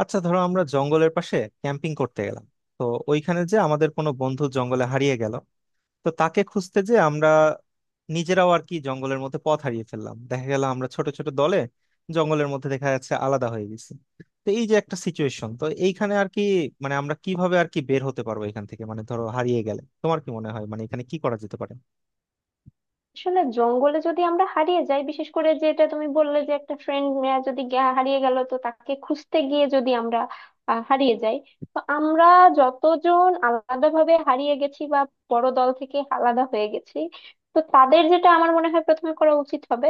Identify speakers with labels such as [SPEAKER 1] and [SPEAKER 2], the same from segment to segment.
[SPEAKER 1] আচ্ছা ধরো আমরা জঙ্গলের পাশে ক্যাম্পিং করতে গেলাম। তো ওইখানে যে আমাদের কোনো বন্ধু জঙ্গলে হারিয়ে গেল, তো তাকে খুঁজতে যে আমরা নিজেরাও আর কি জঙ্গলের মধ্যে পথ হারিয়ে ফেললাম। দেখা গেল আমরা ছোট ছোট দলে জঙ্গলের মধ্যে দেখা যাচ্ছে আলাদা হয়ে গেছি। তো এই যে একটা সিচুয়েশন, তো এইখানে আর কি মানে আমরা কিভাবে আর কি বের হতে পারবো এখান থেকে? মানে ধরো হারিয়ে গেলে তোমার কি মনে হয় মানে এখানে কি করা যেতে পারে?
[SPEAKER 2] আসলে জঙ্গলে যদি আমরা হারিয়ে যাই, বিশেষ করে যেটা তুমি বললে যে একটা ফ্রেন্ড যদি হারিয়ে গেল তো তাকে খুঁজতে গিয়ে যদি আমরা হারিয়ে যাই, তো আমরা যতজন আলাদাভাবে হারিয়ে গেছি বা বড় দল থেকে আলাদা হয়ে গেছি, তো তাদের যেটা আমার মনে হয় প্রথমে করা উচিত হবে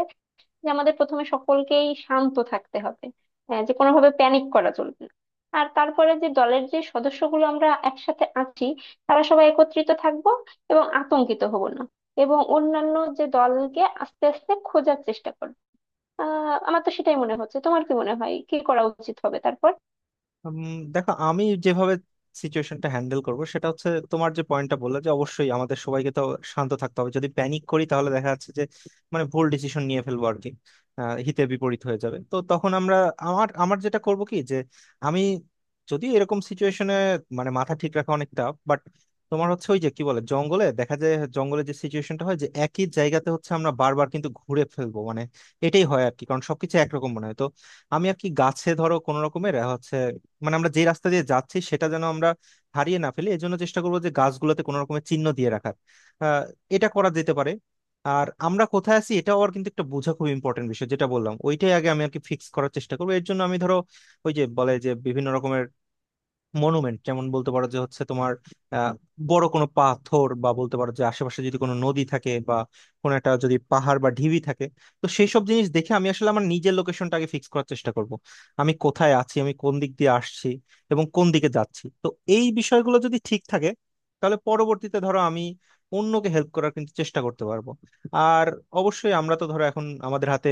[SPEAKER 2] যে আমাদের প্রথমে সকলকেই শান্ত থাকতে হবে, যে কোনোভাবে প্যানিক করা চলবে না। আর তারপরে যে দলের যে সদস্যগুলো আমরা একসাথে আছি, তারা সবাই একত্রিত থাকব এবং আতঙ্কিত হব না, এবং অন্যান্য যে দলকে আস্তে আস্তে খোঁজার চেষ্টা করব। আমার তো সেটাই মনে হচ্ছে, তোমার কি মনে হয় কি করা উচিত হবে তারপর?
[SPEAKER 1] উম, দেখো, আমি যেভাবে সিচুয়েশনটা হ্যান্ডেল করব সেটা হচ্ছে তোমার যে পয়েন্টটা বললে যে অবশ্যই আমাদের সবাইকে তো শান্ত থাকতে হবে। যদি প্যানিক করি তাহলে দেখা যাচ্ছে যে মানে ভুল ডিসিশন নিয়ে ফেলবো আর কি। হিতে বিপরীত হয়ে যাবে। তো তখন আমরা, আমার আমার যেটা করব কি, যে আমি যদি এরকম সিচুয়েশনে মানে মাথা ঠিক রাখা অনেকটা। বাট তোমার হচ্ছে ওই যে কি বলে, জঙ্গলে দেখা যায়, জঙ্গলে যে সিচুয়েশনটা হয় যে একই জায়গাতে হচ্ছে আমরা বারবার কিন্তু ঘুরে ফেলবো, মানে এটাই হয় আর কি, কারণ সবকিছু একরকম মনে হয়। তো আমি আর কি গাছে ধরো কোন রকমের হচ্ছে, মানে আমরা যে রাস্তা দিয়ে যাচ্ছি সেটা যেন আমরা হারিয়ে না ফেলি, এজন্য চেষ্টা করবো যে গাছগুলোতে কোনো রকমের চিহ্ন দিয়ে রাখার। আহ, এটা করা যেতে পারে। আর আমরা কোথায় আছি এটাও আর কিন্তু একটা, বোঝা খুব ইম্পর্টেন্ট বিষয়, যেটা বললাম ওইটাই আগে আমি আর কি ফিক্স করার চেষ্টা করবো। এর জন্য আমি ধরো ওই যে বলে যে বিভিন্ন রকমের মনুমেন্ট, যেমন বলতে পারো যে হচ্ছে তোমার আহ, বড় কোনো পাথর, বা বলতে পারো যে আশেপাশে যদি কোনো নদী থাকে, বা কোনো একটা যদি পাহাড় বা ঢিবি থাকে, তো সেই সব জিনিস দেখে আমি আসলে আমার নিজের লোকেশনটা আগে ফিক্স করার চেষ্টা করব। আমি কোথায় আছি, আমি কোন দিক দিয়ে আসছি এবং কোন দিকে যাচ্ছি। তো এই বিষয়গুলো যদি ঠিক থাকে তাহলে পরবর্তীতে ধরো আমি অন্যকে হেল্প করার কিন্তু চেষ্টা করতে পারবো। আর অবশ্যই আমরা তো ধরো এখন আমাদের হাতে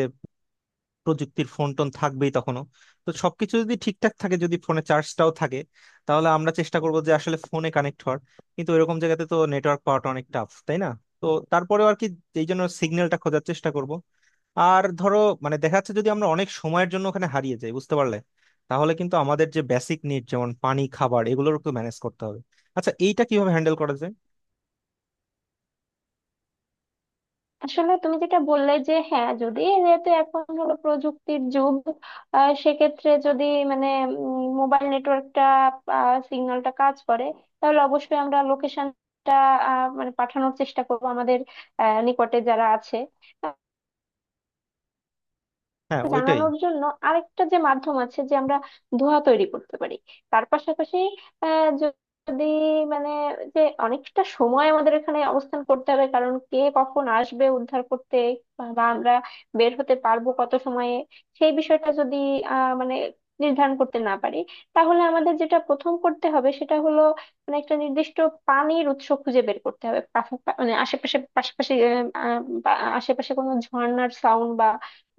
[SPEAKER 1] প্রযুক্তির ফোন টোন থাকবেই তখনও। তো সবকিছু যদি ঠিকঠাক থাকে, যদি ফোনে চার্জটাও থাকে, তাহলে আমরা চেষ্টা করবো যে আসলে ফোনে কানেক্ট হওয়ার। কিন্তু এরকম জায়গাতে তো নেটওয়ার্ক পাওয়াটা অনেক টাফ, তাই না? তো তারপরেও আর কি, এই জন্য সিগন্যালটা খোঁজার চেষ্টা করব। আর ধরো মানে দেখা যাচ্ছে যদি আমরা অনেক সময়ের জন্য ওখানে হারিয়ে যাই, বুঝতে পারলে, তাহলে কিন্তু আমাদের যে বেসিক নিড যেমন পানি, খাবার, এগুলোর তো ম্যানেজ করতে হবে। আচ্ছা, এইটা কিভাবে হ্যান্ডেল করা যায়?
[SPEAKER 2] আসলে তুমি যেটা বললে যে হ্যাঁ, যদি যেহেতু এখন হলো প্রযুক্তির যুগ, সেক্ষেত্রে যদি মানে মোবাইল নেটওয়ার্কটা সিগন্যালটা কাজ করে, তাহলে অবশ্যই আমরা লোকেশনটা পাঠানোর চেষ্টা করব আমাদের নিকটে যারা আছে
[SPEAKER 1] হ্যাঁ, ওইটাই।
[SPEAKER 2] জানানোর জন্য। আরেকটা যে মাধ্যম আছে যে আমরা ধোঁয়া তৈরি করতে পারি। তার পাশাপাশি, আহ, য- যদি মানে যে অনেকটা সময় আমাদের এখানে অবস্থান করতে হবে, কারণ কে কখন আসবে উদ্ধার করতে বা বা আমরা বের হতে পারবো কত সময়ে সেই বিষয়টা যদি আহ মানে নির্ধারণ করতে না পারি, তাহলে আমাদের যেটা প্রথম করতে হবে সেটা হলো একটা নির্দিষ্ট পানির উৎস খুঁজে বের করতে হবে। মানে আশেপাশে, পাশাপাশি, আহ, আহ, বা আশেপাশে কোনো ঝর্ণার সাউন্ড বা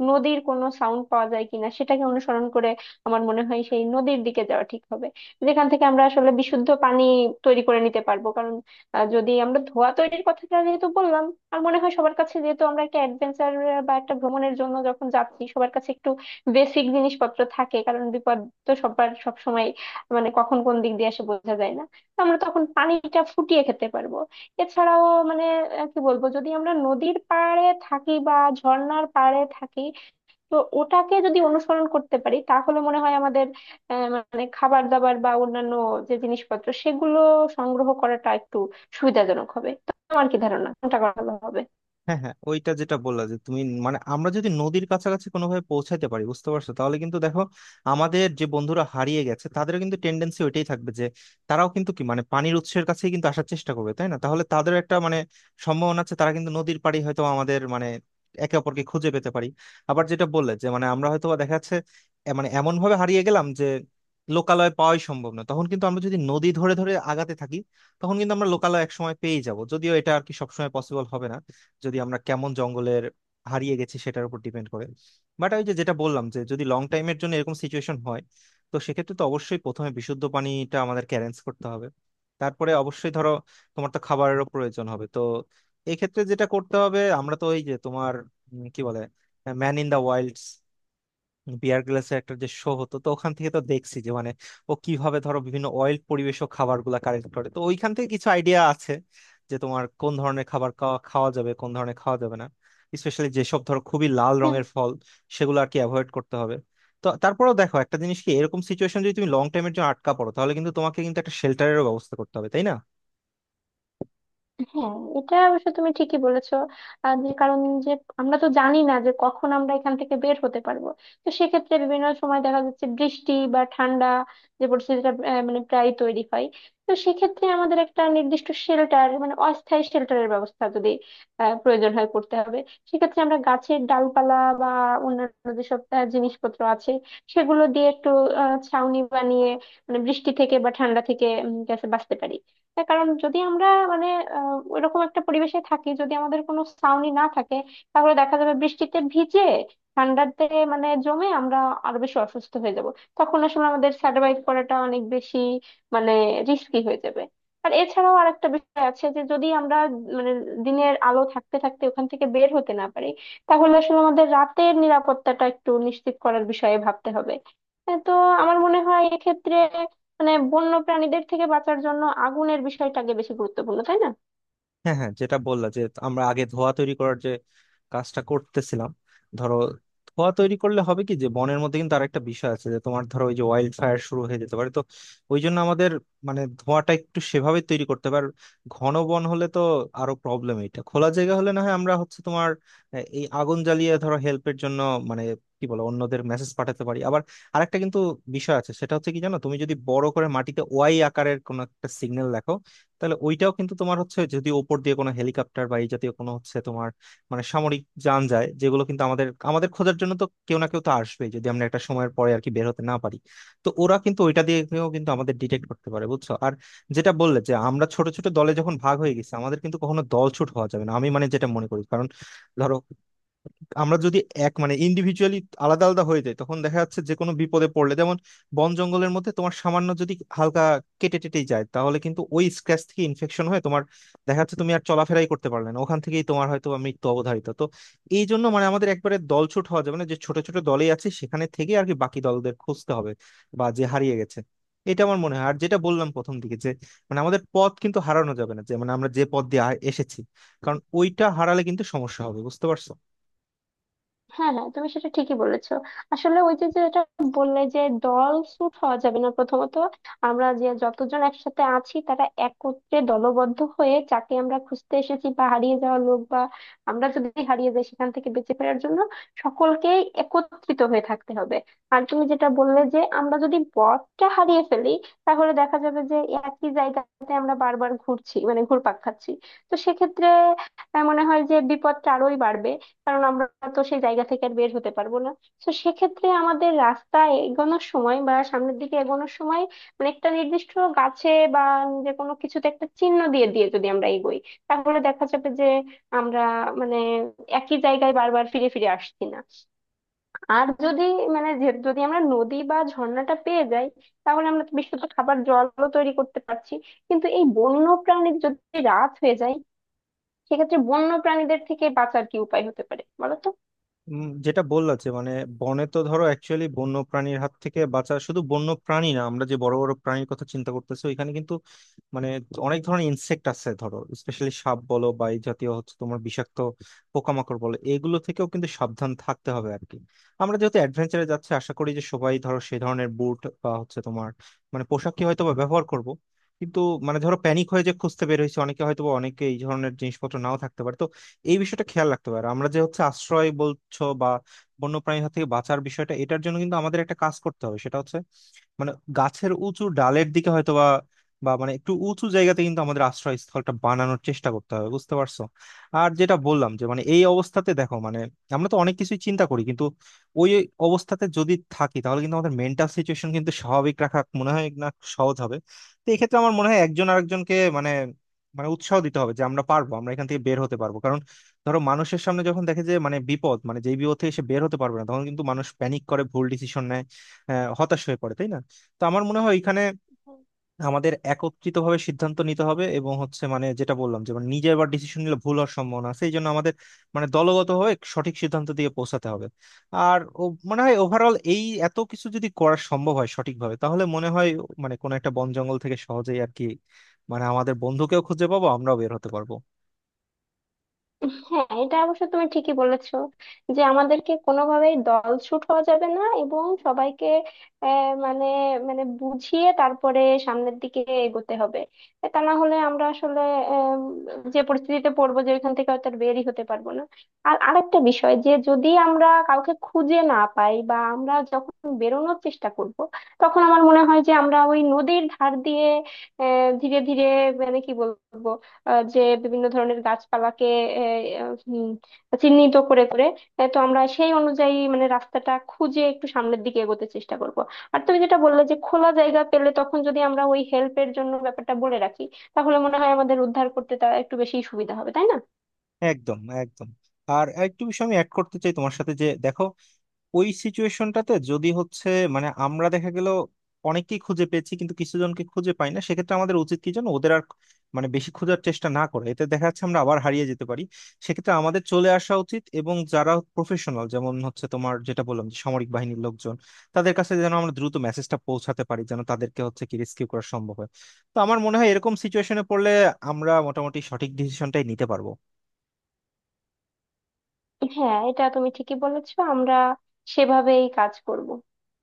[SPEAKER 2] নদীর কোনো সাউন্ড পাওয়া যায় কিনা সেটাকে অনুসরণ করে আমার মনে হয় সেই নদীর দিকে যাওয়া ঠিক হবে, যেখান থেকে আমরা আসলে বিশুদ্ধ পানি তৈরি করে নিতে পারবো। কারণ যদি আমরা ধোঁয়া তৈরির কথাটা যেহেতু বললাম, আর মনে হয় সবার কাছে যেহেতু আমরা একটা অ্যাডভেঞ্চার বা একটা ভ্রমণের জন্য যখন যাচ্ছি, সবার কাছে একটু বেসিক জিনিসপত্র থাকে, কারণ বিপদ তো সবার সব সময় কখন কোন দিক দিয়ে এসে বোঝা যায় না। তো আমরা তখন পানিটা ফুটিয়ে খেতে পারবো। এছাড়াও, মানে কি বলবো, যদি আমরা নদীর পাড়ে থাকি বা ঝর্ণার পাড়ে থাকি, তো ওটাকে যদি অনুসরণ করতে পারি তাহলে মনে হয় আমাদের আহ, মানে খাবার দাবার বা অন্যান্য যে জিনিসপত্র সেগুলো সংগ্রহ করাটা একটু সুবিধাজনক হবে। তো আমার কি ধারণা, কোনটা করা ভালো হবে?
[SPEAKER 1] হ্যাঁ, হ্যাঁ, ওইটা যেটা বললা যে তুমি মানে আমরা যদি নদীর কাছাকাছি কোনোভাবে পৌঁছাতে পারি, বুঝতে পারছো, তাহলে কিন্তু দেখো আমাদের যে বন্ধুরা হারিয়ে গেছে তাদের কিন্তু টেন্ডেন্সি ওইটাই থাকবে যে তারাও কিন্তু কি মানে পানির উৎসের কাছেই কিন্তু আসার চেষ্টা করবে, তাই না? তাহলে তাদের একটা মানে সম্ভাবনা আছে তারা কিন্তু নদীর পাড়ে হয়তো, আমাদের মানে একে অপরকে খুঁজে পেতে পারি। আবার যেটা বললে যে মানে আমরা হয়তো বা দেখা যাচ্ছে মানে এমন ভাবে হারিয়ে গেলাম যে লোকালয় পাওয়াই সম্ভব না, তখন কিন্তু আমরা যদি নদী ধরে ধরে আগাতে থাকি তখন কিন্তু আমরা লোকালয় একসময় পেয়ে যাব, যদিও এটা আর কি সবসময় পসিবল হবে না। যদি আমরা কেমন জঙ্গলের হারিয়ে গেছি সেটার উপর ডিপেন্ড করে। বাট আমি যে যেটা বললাম, যে যদি লং টাইমের জন্য এরকম সিচুয়েশন হয়, তো সেক্ষেত্রে তো অবশ্যই প্রথমে বিশুদ্ধ পানিটা আমাদেরকে অ্যারেঞ্জ করতে হবে। তারপরে অবশ্যই ধরো তোমার তো খাবারেরও প্রয়োজন হবে। তো এক্ষেত্রে যেটা করতে হবে, আমরা তো ওই যে তোমার কি বলে, man in the wilds, Bear গ্রিলসের একটা যে শো হতো, তো ওখান থেকে তো দেখছি যে মানে ও কিভাবে ধরো বিভিন্ন অয়েল পরিবেশক খাবারগুলা কালেক্ট করে, তো ওইখান থেকে কিছু আইডিয়া আছে যে তোমার কোন ধরনের খাবার খাওয়া খাওয়া যাবে, কোন ধরনের খাওয়া যাবে না। স্পেশালি যেসব ধরো খুবই লাল রঙের ফল সেগুলো আর কি অ্যাভয়েড করতে হবে। তো তারপরেও দেখো, একটা জিনিস কি, এরকম সিচুয়েশন যদি তুমি লং টাইমের জন্য আটকা পড়ো, তাহলে কিন্তু তোমাকে কিন্তু একটা শেল্টারেরও ব্যবস্থা করতে হবে, তাই না?
[SPEAKER 2] হ্যাঁ, এটা অবশ্য তুমি ঠিকই বলেছো। আর যে কারণ যে আমরা তো জানি না যে কখন আমরা এখান থেকে বের হতে পারবো, তো সেক্ষেত্রে বিভিন্ন সময় দেখা যাচ্ছে বৃষ্টি বা ঠান্ডা যে পরিস্থিতিটা আহ, মানে প্রায় তৈরি হয়। তো সেক্ষেত্রে আমাদের একটা নির্দিষ্ট শেল্টার, মানে অস্থায়ী শেল্টারের ব্যবস্থা যদি প্রয়োজন হয় করতে হবে। সেক্ষেত্রে আমরা গাছের ডালপালা বা অন্যান্য যেসব জিনিসপত্র আছে সেগুলো দিয়ে একটু ছাউনি বানিয়ে মানে বৃষ্টি থেকে বা ঠান্ডা থেকে যাতে বাঁচতে পারি। তার কারণ যদি আমরা মানে ওইরকম একটা পরিবেশে থাকি, যদি আমাদের কোনো ছাউনি না থাকে, তাহলে দেখা যাবে বৃষ্টিতে ভিজে, ঠান্ডাতে মানে জমে আমরা আরো বেশি অসুস্থ হয়ে যাব। তখন আসলে আমাদের সার্ভাইভ করাটা অনেক বেশি মানে রিস্কি হয়ে যাবে। আর এছাড়াও আর একটা বিষয় আছে যে যদি আমরা মানে দিনের আলো থাকতে থাকতে ওখান থেকে বের হতে না পারি, তাহলে আসলে আমাদের রাতের নিরাপত্তাটা একটু নিশ্চিত করার বিষয়ে ভাবতে হবে। হ্যাঁ, তো আমার মনে হয় এক্ষেত্রে মানে বন্য প্রাণীদের থেকে বাঁচার জন্য আগুনের বিষয়টাকে বেশি গুরুত্বপূর্ণ, তাই না?
[SPEAKER 1] হ্যাঁ, হ্যাঁ, যেটা বললা যে আমরা আগে ধোঁয়া তৈরি করার যে কাজটা করতেছিলাম, ধরো ধোঁয়া তৈরি করলে হবে কি, যে বনের মধ্যে কিন্তু আরেকটা বিষয় আছে যে তোমার ধরো ওই যে ওয়াইল্ড ফায়ার শুরু হয়ে যেতে পারে। তো ওই জন্য আমাদের মানে ধোঁয়াটা একটু সেভাবে তৈরি করতে পারে। ঘন বন হলে তো আরো প্রবলেম, এটা খোলা জায়গা হলে না হয় আমরা হচ্ছে তোমার এই আগুন জ্বালিয়ে ধরো হেল্পের জন্য মানে কি বলে অন্যদের মেসেজ পাঠাতে পারি। আবার আরেকটা কিন্তু বিষয় আছে, সেটা হচ্ছে কি জানো, তুমি যদি বড় করে মাটিতে ওয়াই আকারের কোনো একটা সিগন্যাল লেখো, তাহলে ওইটাও কিন্তু তোমার হচ্ছে যদি ওপর দিয়ে কোনো হেলিকপ্টার বা এই জাতীয় কোনো হচ্ছে তোমার মানে সামরিক যান যায়, যেগুলো কিন্তু আমাদের আমাদের খোঁজার জন্য তো কেউ না কেউ তো আসবে যদি আমরা একটা সময়ের পরে আর কি বের হতে না পারি, তো ওরা কিন্তু ওইটা দিয়েও কিন্তু আমাদের ডিটেক্ট করতে পারে, বুঝছো। আর যেটা বললে যে আমরা ছোট ছোট দলে যখন ভাগ হয়ে গেছি, আমাদের কিন্তু কখনো দল ছুট হওয়া যাবে না, আমি মানে যেটা মনে করি। কারণ ধরো আমরা যদি এক মানে ইন্ডিভিজুয়ালি আলাদা আলাদা হয়ে যাই, তখন দেখা যাচ্ছে যে কোনো বিপদে পড়লে, যেমন বন জঙ্গলের মধ্যে তোমার সামান্য যদি হালকা কেটে টেটেই যায়, তাহলে কিন্তু ওই স্ক্র্যাচ থেকে ইনফেকশন হয়ে তোমার দেখা যাচ্ছে তুমি আর চলাফেরাই করতে পারলে না, ওখান থেকেই তোমার হয়তো মৃত্যু অবধারিত। তো এই জন্য মানে আমাদের একবারে দলছুট হওয়া যাবে না, যে ছোট ছোট দলেই আছে সেখানে থেকে আর কি বাকি দলদের খুঁজতে হবে, বা যে হারিয়ে গেছে। এটা আমার মনে হয়। আর যেটা বললাম প্রথম দিকে যে মানে আমাদের পথ কিন্তু হারানো যাবে না, যে মানে আমরা যে পথ দিয়ে এসেছি, কারণ ওইটা হারালে কিন্তু সমস্যা হবে, বুঝতে পারছো।
[SPEAKER 2] হ্যাঁ, হ্যাঁ, তুমি সেটা ঠিকই বলেছো। আসলে ওই যে যেটা বললে যে দল সুট হওয়া যাবে না, প্রথমত আমরা যে যতজন একসাথে আছি তারা একত্রে দলবদ্ধ হয়ে, যাকে আমরা খুঁজতে এসেছি বা হারিয়ে যাওয়া লোক বা আমরা যদি হারিয়ে যাই সেখান থেকে বেঁচে ফেরার জন্য সকলকেই একত্রিত হয়ে থাকতে হবে। আর তুমি যেটা বললে যে আমরা যদি পথটা হারিয়ে ফেলি, তাহলে দেখা যাবে যে একই জায়গাতে আমরা বারবার ঘুরছি, মানে ঘুরপাক খাচ্ছি। তো সেক্ষেত্রে মনে হয় যে বিপদটা আরোই বাড়বে, কারণ আমরা তো সেই জায়গা থেকে আর বের হতে পারবো না। তো সেক্ষেত্রে আমাদের রাস্তা এগোনোর সময় বা সামনের দিকে এগোনোর সময় একটা নির্দিষ্ট গাছে বা যে কোনো কিছুতে একটা চিহ্ন দিয়ে দিয়ে যদি আমরা এগোই, তাহলে দেখা যাবে যে আমরা মানে একই জায়গায় বারবার ফিরে ফিরে আসছি না। আর যদি যদি আমরা নদী বা ঝর্ণাটা পেয়ে যাই, তাহলে আমরা তো বিশুদ্ধ খাবার জলও তৈরি করতে পারছি। কিন্তু এই বন্য প্রাণীর, যদি রাত হয়ে যায়, সেক্ষেত্রে বন্য প্রাণীদের থেকে বাঁচার কি উপায় হতে পারে বলো তো?
[SPEAKER 1] যেটা বললা যে মানে বনে তো ধরো অ্যাকচুয়ালি বন্য প্রাণীর হাত থেকে বাঁচা, শুধু বন্য প্রাণী না, আমরা যে বড় বড় প্রাণীর কথা চিন্তা করতেছি ওইখানে কিন্তু মানে অনেক ধরনের ইনসেক্ট আছে, ধরো স্পেশালি সাপ বলো বা এই জাতীয় হচ্ছে তোমার বিষাক্ত পোকামাকড় বলো, এগুলো থেকেও কিন্তু সাবধান থাকতে হবে আর কি। আমরা যেহেতু অ্যাডভেঞ্চারে যাচ্ছি, আশা করি যে সবাই ধরো সেই ধরনের বুট বা হচ্ছে তোমার মানে পোশাকই হয়তো বা ব্যবহার করব। কিন্তু মানে ধরো প্যানিক হয়ে যে খুঁজতে বের হয়েছে অনেকে, হয়তো বা অনেকে এই ধরনের জিনিসপত্র নাও থাকতে পারে। তো এই বিষয়টা খেয়াল রাখতে পারে। আমরা যে হচ্ছে আশ্রয় বলছো বা বন্যপ্রাণীর হাত থেকে বাঁচার বিষয়টা, এটার জন্য কিন্তু আমাদের একটা কাজ করতে হবে, সেটা হচ্ছে মানে গাছের উঁচু ডালের দিকে হয়তো বা, বা মানে একটু উঁচু জায়গাতে কিন্তু আমাদের আশ্রয়স্থলটা বানানোর চেষ্টা করতে হবে, বুঝতে পারছো। আর যেটা বললাম যে মানে এই অবস্থাতে দেখো, মানে আমরা তো অনেক কিছুই চিন্তা করি, কিন্তু ওই অবস্থাতে যদি থাকি তাহলে কিন্তু আমাদের মেন্টাল সিচুয়েশন কিন্তু স্বাভাবিক রাখা মনে হয় না সহজ হবে। তো এক্ষেত্রে আমার মনে হয় একজন আরেকজনকে মানে, মানে উৎসাহ দিতে হবে যে আমরা পারবো, আমরা এখান থেকে বের হতে পারবো। কারণ ধরো মানুষের সামনে যখন দেখে যে মানে বিপদ, মানে যেই বিপদ থেকে সে বের হতে পারবে না, তখন কিন্তু মানুষ প্যানিক করে ভুল ডিসিশন নেয়, হতাশ হয়ে পড়ে, তাই না? তো আমার মনে হয় এখানে আমাদের একত্রিত ভাবে সিদ্ধান্ত নিতে হবে, এবং হচ্ছে মানে যেটা বললাম যে মানে নিজে আবার ডিসিশন নিলে ভুল হওয়ার সম্ভাবনা আছে, এই জন্য আমাদের মানে দলগত হয়ে সঠিক সিদ্ধান্ত দিয়ে পৌঁছাতে হবে। আর ও মনে হয় ওভারঅল এই এত কিছু যদি করা সম্ভব হয় সঠিকভাবে, তাহলে মনে হয় মানে কোনো একটা বন জঙ্গল থেকে সহজেই আর কি মানে আমাদের বন্ধুকেও খুঁজে পাবো, আমরাও বের হতে পারবো।
[SPEAKER 2] হ্যাঁ, এটা অবশ্য তুমি ঠিকই বলেছো যে আমাদেরকে কোনোভাবেই দল ছুট হওয়া যাবে না, এবং সবাইকে আহ, মানে মানে বুঝিয়ে তারপরে সামনের দিকে এগোতে হবে। তা না হলে আমরা আসলে আম, যে পরিস্থিতিতে পড়বো যে ওইখান থেকে হয়তো আর বেরই হতে পারবো না। আর আরেকটা বিষয় যে যদি আমরা কাউকে খুঁজে না পাই বা আমরা যখন বেরোনোর চেষ্টা করব, তখন আমার মনে হয় যে আমরা ওই নদীর ধার দিয়ে ধীরে ধীরে কি বলবো, যে বিভিন্ন ধরনের গাছপালাকে আহ, উম, চিহ্নিত করে করে, তো আমরা সেই অনুযায়ী মানে রাস্তাটা খুঁজে একটু সামনের দিকে এগোতে চেষ্টা করব। আর তুমি যেটা বললে যে খোলা জায়গা পেলে তখন যদি আমরা ওই হেল্পের জন্য ব্যাপারটা বলে রাখি, তাহলে মনে হয় আমাদের উদ্ধার করতে তা একটু বেশি সুবিধা হবে, তাই না?
[SPEAKER 1] একদম, একদম। আর একটু বিষয় আমি অ্যাড করতে চাই তোমার সাথে, যে দেখো ওই সিচুয়েশনটাতে যদি হচ্ছে মানে আমরা দেখা গেল অনেককেই খুঁজে পেয়েছি কিন্তু কিছু জনকে খুঁজে পাই না, সেক্ষেত্রে আমাদের উচিত কি যেন ওদের আর মানে বেশি খোঁজার চেষ্টা না করে, এতে দেখা যাচ্ছে আমরা আবার হারিয়ে যেতে পারি। সেক্ষেত্রে আমাদের চলে আসা উচিত এবং যারা প্রফেশনাল যেমন হচ্ছে তোমার যেটা বললাম যে সামরিক বাহিনীর লোকজন, তাদের কাছে যেন আমরা দ্রুত মেসেজটা পৌঁছাতে পারি, যেন তাদেরকে হচ্ছে কি রেস্কিউ করা সম্ভব হয়। তো আমার মনে হয় এরকম সিচুয়েশনে পড়লে আমরা মোটামুটি সঠিক ডিসিশনটাই নিতে পারবো।
[SPEAKER 2] হ্যাঁ, এটা তুমি ঠিকই বলেছো, আমরা সেভাবেই কাজ করব।